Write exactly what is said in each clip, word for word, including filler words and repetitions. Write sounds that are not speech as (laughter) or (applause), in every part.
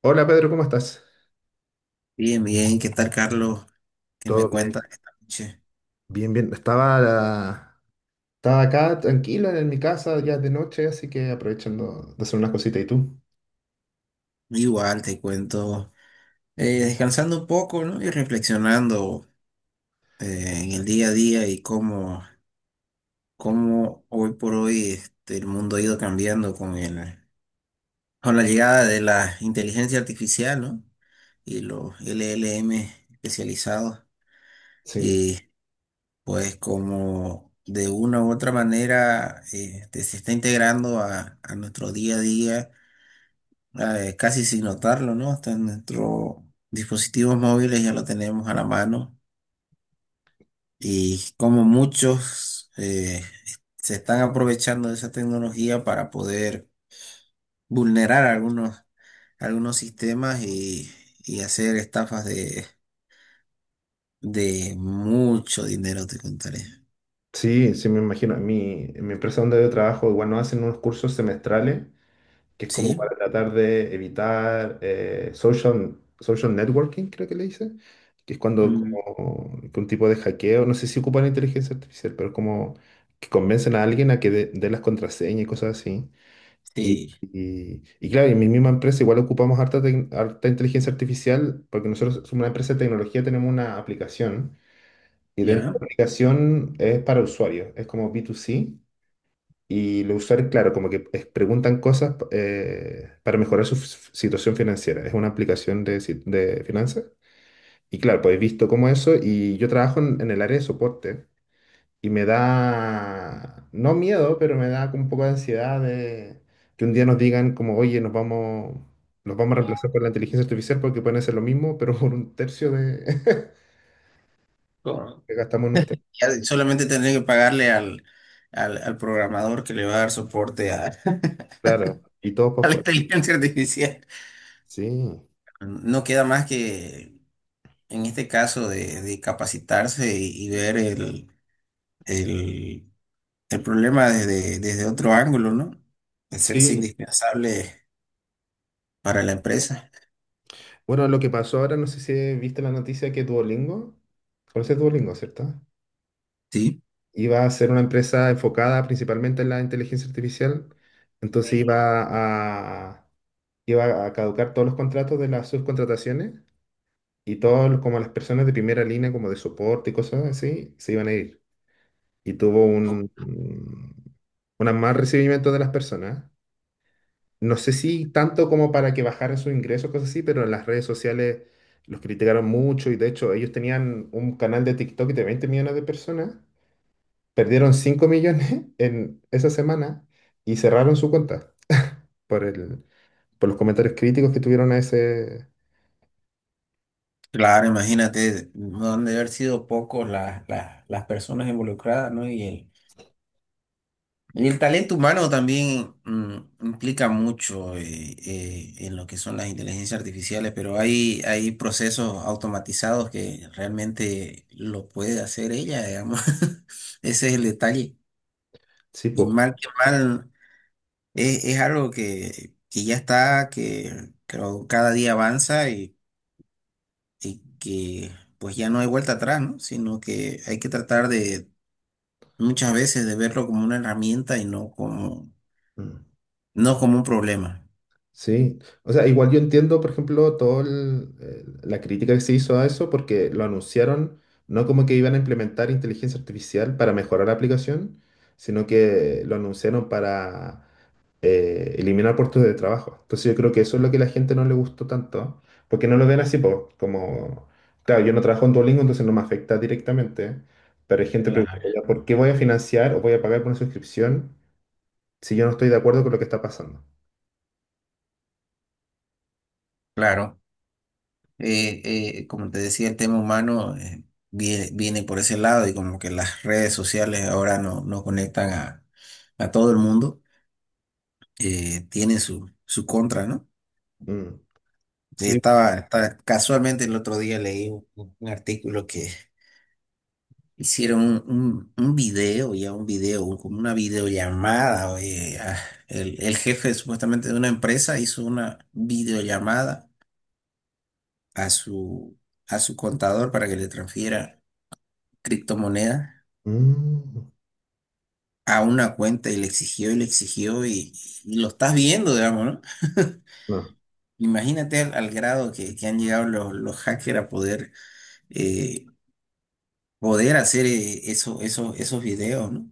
Hola Pedro, ¿cómo estás? Bien, bien, ¿qué tal, Carlos? ¿Qué me Todo bien, cuentas esta noche? bien, bien. Estaba la- Estaba acá tranquila en mi casa ya de noche, así que aprovechando de hacer unas cositas. ¿Y tú? Igual te cuento, eh, descansando un poco, ¿no? Y reflexionando eh, en el día a día y cómo, cómo hoy por hoy este, el mundo ha ido cambiando con el, con la llegada de la inteligencia artificial, ¿no? Y los L L M especializados. Sí, Y pues como de una u otra manera eh, este, se está integrando a, a nuestro día a día eh, casi sin notarlo, ¿no? Hasta en nuestros dispositivos móviles ya lo tenemos a la mano y como muchos eh, se están aprovechando de esa tecnología para poder vulnerar algunos, algunos sistemas y, y hacer estafas de, de mucho dinero, te contaré. sí, sí, me imagino. En mi, en mi empresa donde yo trabajo, igual nos hacen unos cursos semestrales, que es como ¿Sí? para tratar de evitar eh, social, social networking, creo que le dicen, que es cuando Mm, como, que un tipo de hackeo, no sé si ocupan inteligencia artificial, pero como que convencen a alguien a que dé dé las contraseñas y cosas así. Y, sí. y- y claro, en mi misma empresa igual ocupamos harta, tec- harta inteligencia artificial porque nosotros somos una empresa de tecnología, tenemos una aplicación y dentro de ¿Ya? la aplicación es para usuarios, es como B dos C y los usuarios, claro, como que es- preguntan cosas eh, para mejorar su f- situación financiera. Es una aplicación de, si- de finanzas y claro, pues he visto como eso y yo trabajo en, en el área de soporte. Y me da, no miedo, pero me da como un poco de ansiedad de que un día nos digan como, oye, nos vamos, nos vamos a reemplazar por la inteligencia artificial porque pueden hacer lo mismo, pero por un tercio de (laughs) Correcto. que gastamos en usted. Ya solamente tendría que pagarle al, al, al programador que le va a dar soporte a, (laughs) Claro, y todos (laughs) por a la fuera. inteligencia artificial. Sí, No queda más que, en este caso, de, de capacitarse y, y ver el, el, el problema desde, desde otro ángulo, ¿no? Hacerse sí. indispensable para la empresa. Bueno, lo que pasó ahora, no sé si viste la noticia que Duolingo, conoces Duolingo, ¿cierto? Sí, Iba a ser una empresa enfocada principalmente en la inteligencia artificial, entonces iba a, iba a caducar todos los contratos de las subcontrataciones. Y todos, como las personas de primera línea, como de soporte y cosas así, se iban a ir. Y tuvo un, un un mal recibimiento de las personas. No sé si tanto como para que bajaran sus ingresos, cosas así, pero en las redes sociales los criticaron mucho y de hecho ellos tenían un canal de TikTok de veinte millones de personas, perdieron cinco millones (laughs) en esa semana y cerraron su cuenta por el, por los comentarios críticos que tuvieron a ese... claro, imagínate, no han de haber sido pocos las, las, las personas involucradas, ¿no? Y el, Y el talento humano también mm, implica mucho eh, eh, en lo que son las inteligencias artificiales, pero hay, hay procesos automatizados que realmente lo puede hacer ella, digamos. (laughs) Ese es el detalle. Sí, Y po. mal que mal, es, es algo que, que ya está, que, que cada día avanza y, y que pues ya no hay vuelta atrás, ¿no? Sino que hay que tratar de muchas veces de verlo como una herramienta y no como, Mm. no como un problema. Sí, o sea, igual yo entiendo, por ejemplo, toda la crítica que se hizo a eso porque lo anunciaron no como que iban a implementar inteligencia artificial para mejorar la aplicación, sino que lo anunciaron para eh, eliminar puestos de trabajo. Entonces yo creo que eso es lo que a la gente no le gustó tanto, porque no lo ven así po, como, claro, yo no trabajo en Duolingo, entonces no me afecta directamente, pero hay gente Claro. preguntando, "Ya, ¿por qué voy a financiar o voy a pagar por una suscripción si yo no estoy de acuerdo con lo que está pasando?" Claro, eh, eh, como te decía, el tema humano eh, vie- viene por ese lado y como que las redes sociales ahora no, no conectan a, a todo el mundo, eh, tienen su, su contra, ¿no? Mm. Eh, Sí, Estaba, estaba- casualmente el otro día leí un, un artículo que hicieron un, un, un video, ya un video, un- como una videollamada, oye, a- el, el jefe supuestamente de una empresa hizo una videollamada a su, a su contador para que le transfiera criptomoneda mm, a una cuenta y le exigió y le exigió y, y lo estás viendo, digamos, ¿no? no, Imagínate al, al grado que, que han llegado los, los hackers a poder, eh, poder hacer eh, eso, eso- esos videos, ¿no?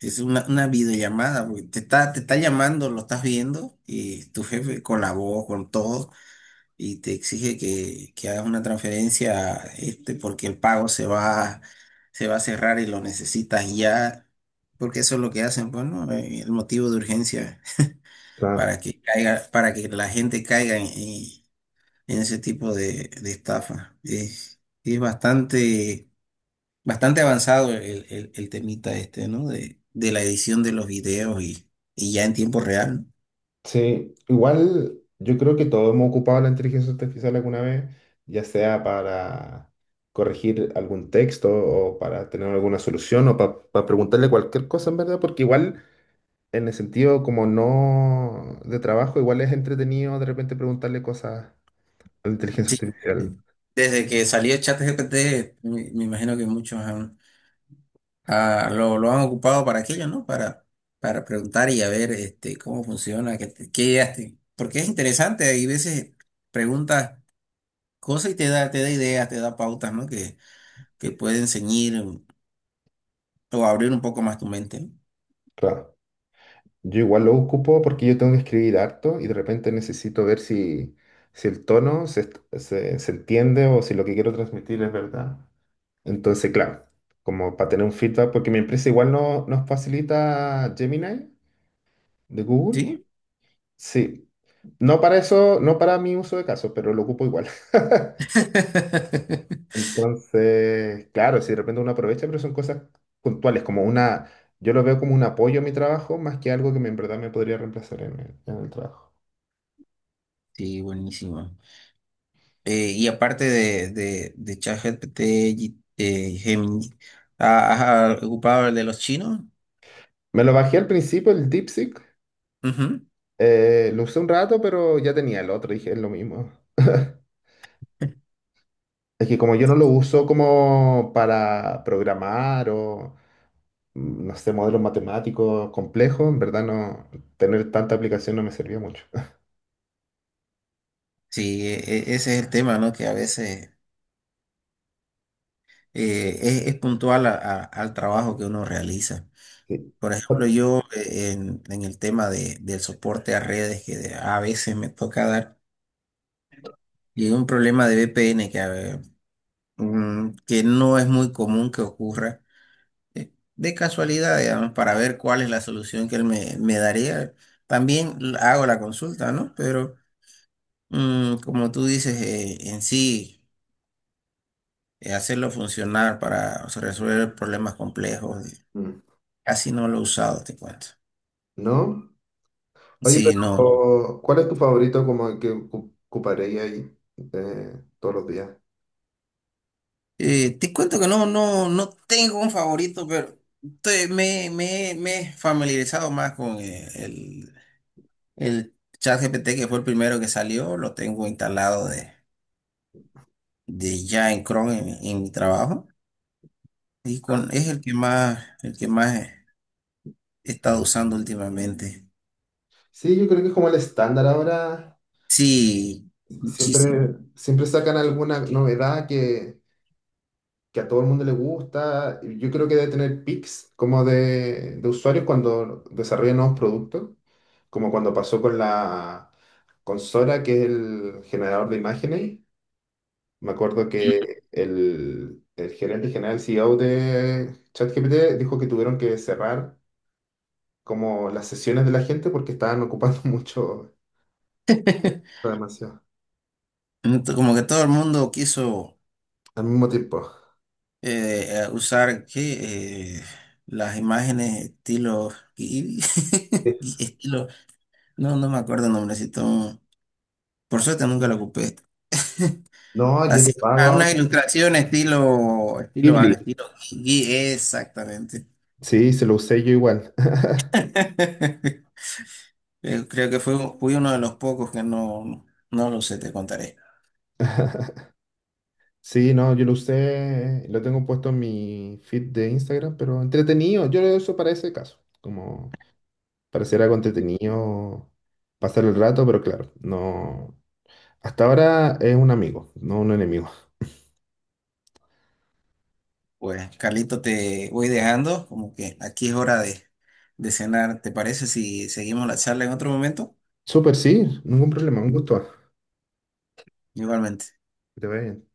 Es una, una videollamada, porque te está, te está llamando, lo estás viendo y tu jefe con la voz, con todo. Y te exige que, que hagas una transferencia este, porque el pago se va, se va a cerrar y lo necesitas ya, porque eso es lo que hacen, pues, ¿no? Eh, El motivo de urgencia, está. para que caiga, para que la gente caiga en, en- en ese tipo de, de estafa. Es, es bastante, bastante avanzado el, el, el temita este, ¿no? De, de la edición de los videos y, y ya en tiempo real. Sí, igual yo creo que todos hemos ocupado la inteligencia artificial alguna vez, ya sea para corregir algún texto o para tener alguna solución o para preguntarle cualquier cosa en verdad, porque igual en el sentido como no de trabajo, igual es entretenido de repente preguntarle cosas a la ¿No? inteligencia Sí, eh, artificial. desde que salió ChatGPT, me, me imagino que muchos han, Ah, lo, lo han ocupado para aquello, ¿no? Para, para preguntar y a ver este, cómo funciona, qué, te- qué ideas te- porque es interesante, hay veces preguntas cosas y te da, te da ideas, te da pautas, ¿no? Que, que pueden ceñir o abrir un poco más tu mente, ¿no? Claro. Yo igual lo ocupo porque yo tengo que escribir harto y de repente necesito ver si, si el tono se, est- se- se entiende o si lo que quiero transmitir es verdad. Entonces, claro, como para tener un feedback, porque mi empresa igual no, nos facilita Gemini de Google. ¿Sí? Sí, no para eso, no para mi uso de caso, pero lo ocupo igual. (laughs) (laughs) Entonces, claro, si de repente uno aprovecha, pero son cosas puntuales, como una, yo lo veo como un apoyo a mi trabajo más que algo que me- en verdad me podría reemplazar en el en el trabajo. Sí, buenísimo. Eh, y aparte de, de, de ChatGPT, G- eh, Gemini, ¿ha- ¿has ocupado el de los chinos? Me lo bajé al principio, el DeepSeek. Ujú. eh, lo usé un rato, pero ya tenía el otro, dije, es lo mismo. Es que como yo no lo uso como para programar o, mm, no sé, modelos matemáticos complejos, en verdad no, tener tanta aplicación no me servía mucho. (laughs) Sí, e- e- ese es el tema, ¿no? Que a veces... eh, es, es puntual a- a- al trabajo que uno realiza. Sí. Por ejemplo, yo eh, en, en el tema de, del soporte a redes que de- a veces me toca dar, y un problema de V P N que, eh, mm, que no es muy común que ocurra, eh, de casualidad, digamos, para ver cuál es la solución que él me, me daría. También l- hago la consulta, ¿no? Pero mm, como tú dices, eh, en sí, eh, hacerlo funcionar para o sea, resolver problemas complejos. Eh, Mm, casi no lo he usado, te cuento. ¿no? Oye, Sí, no. pero ¿cuál es tu favorito como que ocu- ocuparía ahí eh, todos los días? Eh, te cuento que no, no, no tengo un favorito, pero te- me, me, me he familiarizado más con eh, el, el ChatGPT que fue el primero que salió. Lo tengo instalado de, de ya en Chrome en, mi en mi trabajo. Y con, es el que más, el que más he he estado usando últimamente. Sí, yo creo que es como el estándar ahora. Sí, muchísimo. Siempre, siempre sacan alguna novedad que, que a todo el mundo le gusta. Yo creo que debe tener pics como de, de usuarios cuando desarrolla nuevos productos, como cuando pasó con la con Sora, que es el generador de imágenes. Me acuerdo que el, el gerente general, el C E O de ChatGPT, dijo que tuvieron que cerrar como las sesiones de la gente porque estaban ocupando (laughs) mucho, (laughs) demasiado, Como que todo el mundo quiso. al mismo tiempo. Eh, a usar ¿qué? Eh, las imágenes estilo y- Sí. (laughs) y estilo no no me acuerdo el nombrecito, por suerte nunca lo ocupé, No, y es de así pago ah, una- unas ahora. ilustraciones estilo estilo al Ghibli. estilo Gui- exactamente. Sí, se lo usé yo igual. (laughs) Eh, creo que fue fui uno de los pocos que no, no lo sé, te contaré. Sí, no, yo lo usé, lo tengo puesto en mi feed de Instagram, pero entretenido, yo lo uso para ese caso, como para hacer algo entretenido, pasar el rato, pero claro, no, hasta ahora es un amigo, no un enemigo. Pues Carlito, te voy dejando, como que aquí es hora de de cenar. ¿Te parece si seguimos la charla en otro momento? Súper, sí, ningún problema, un gusto. Igualmente. Que te vaya bien.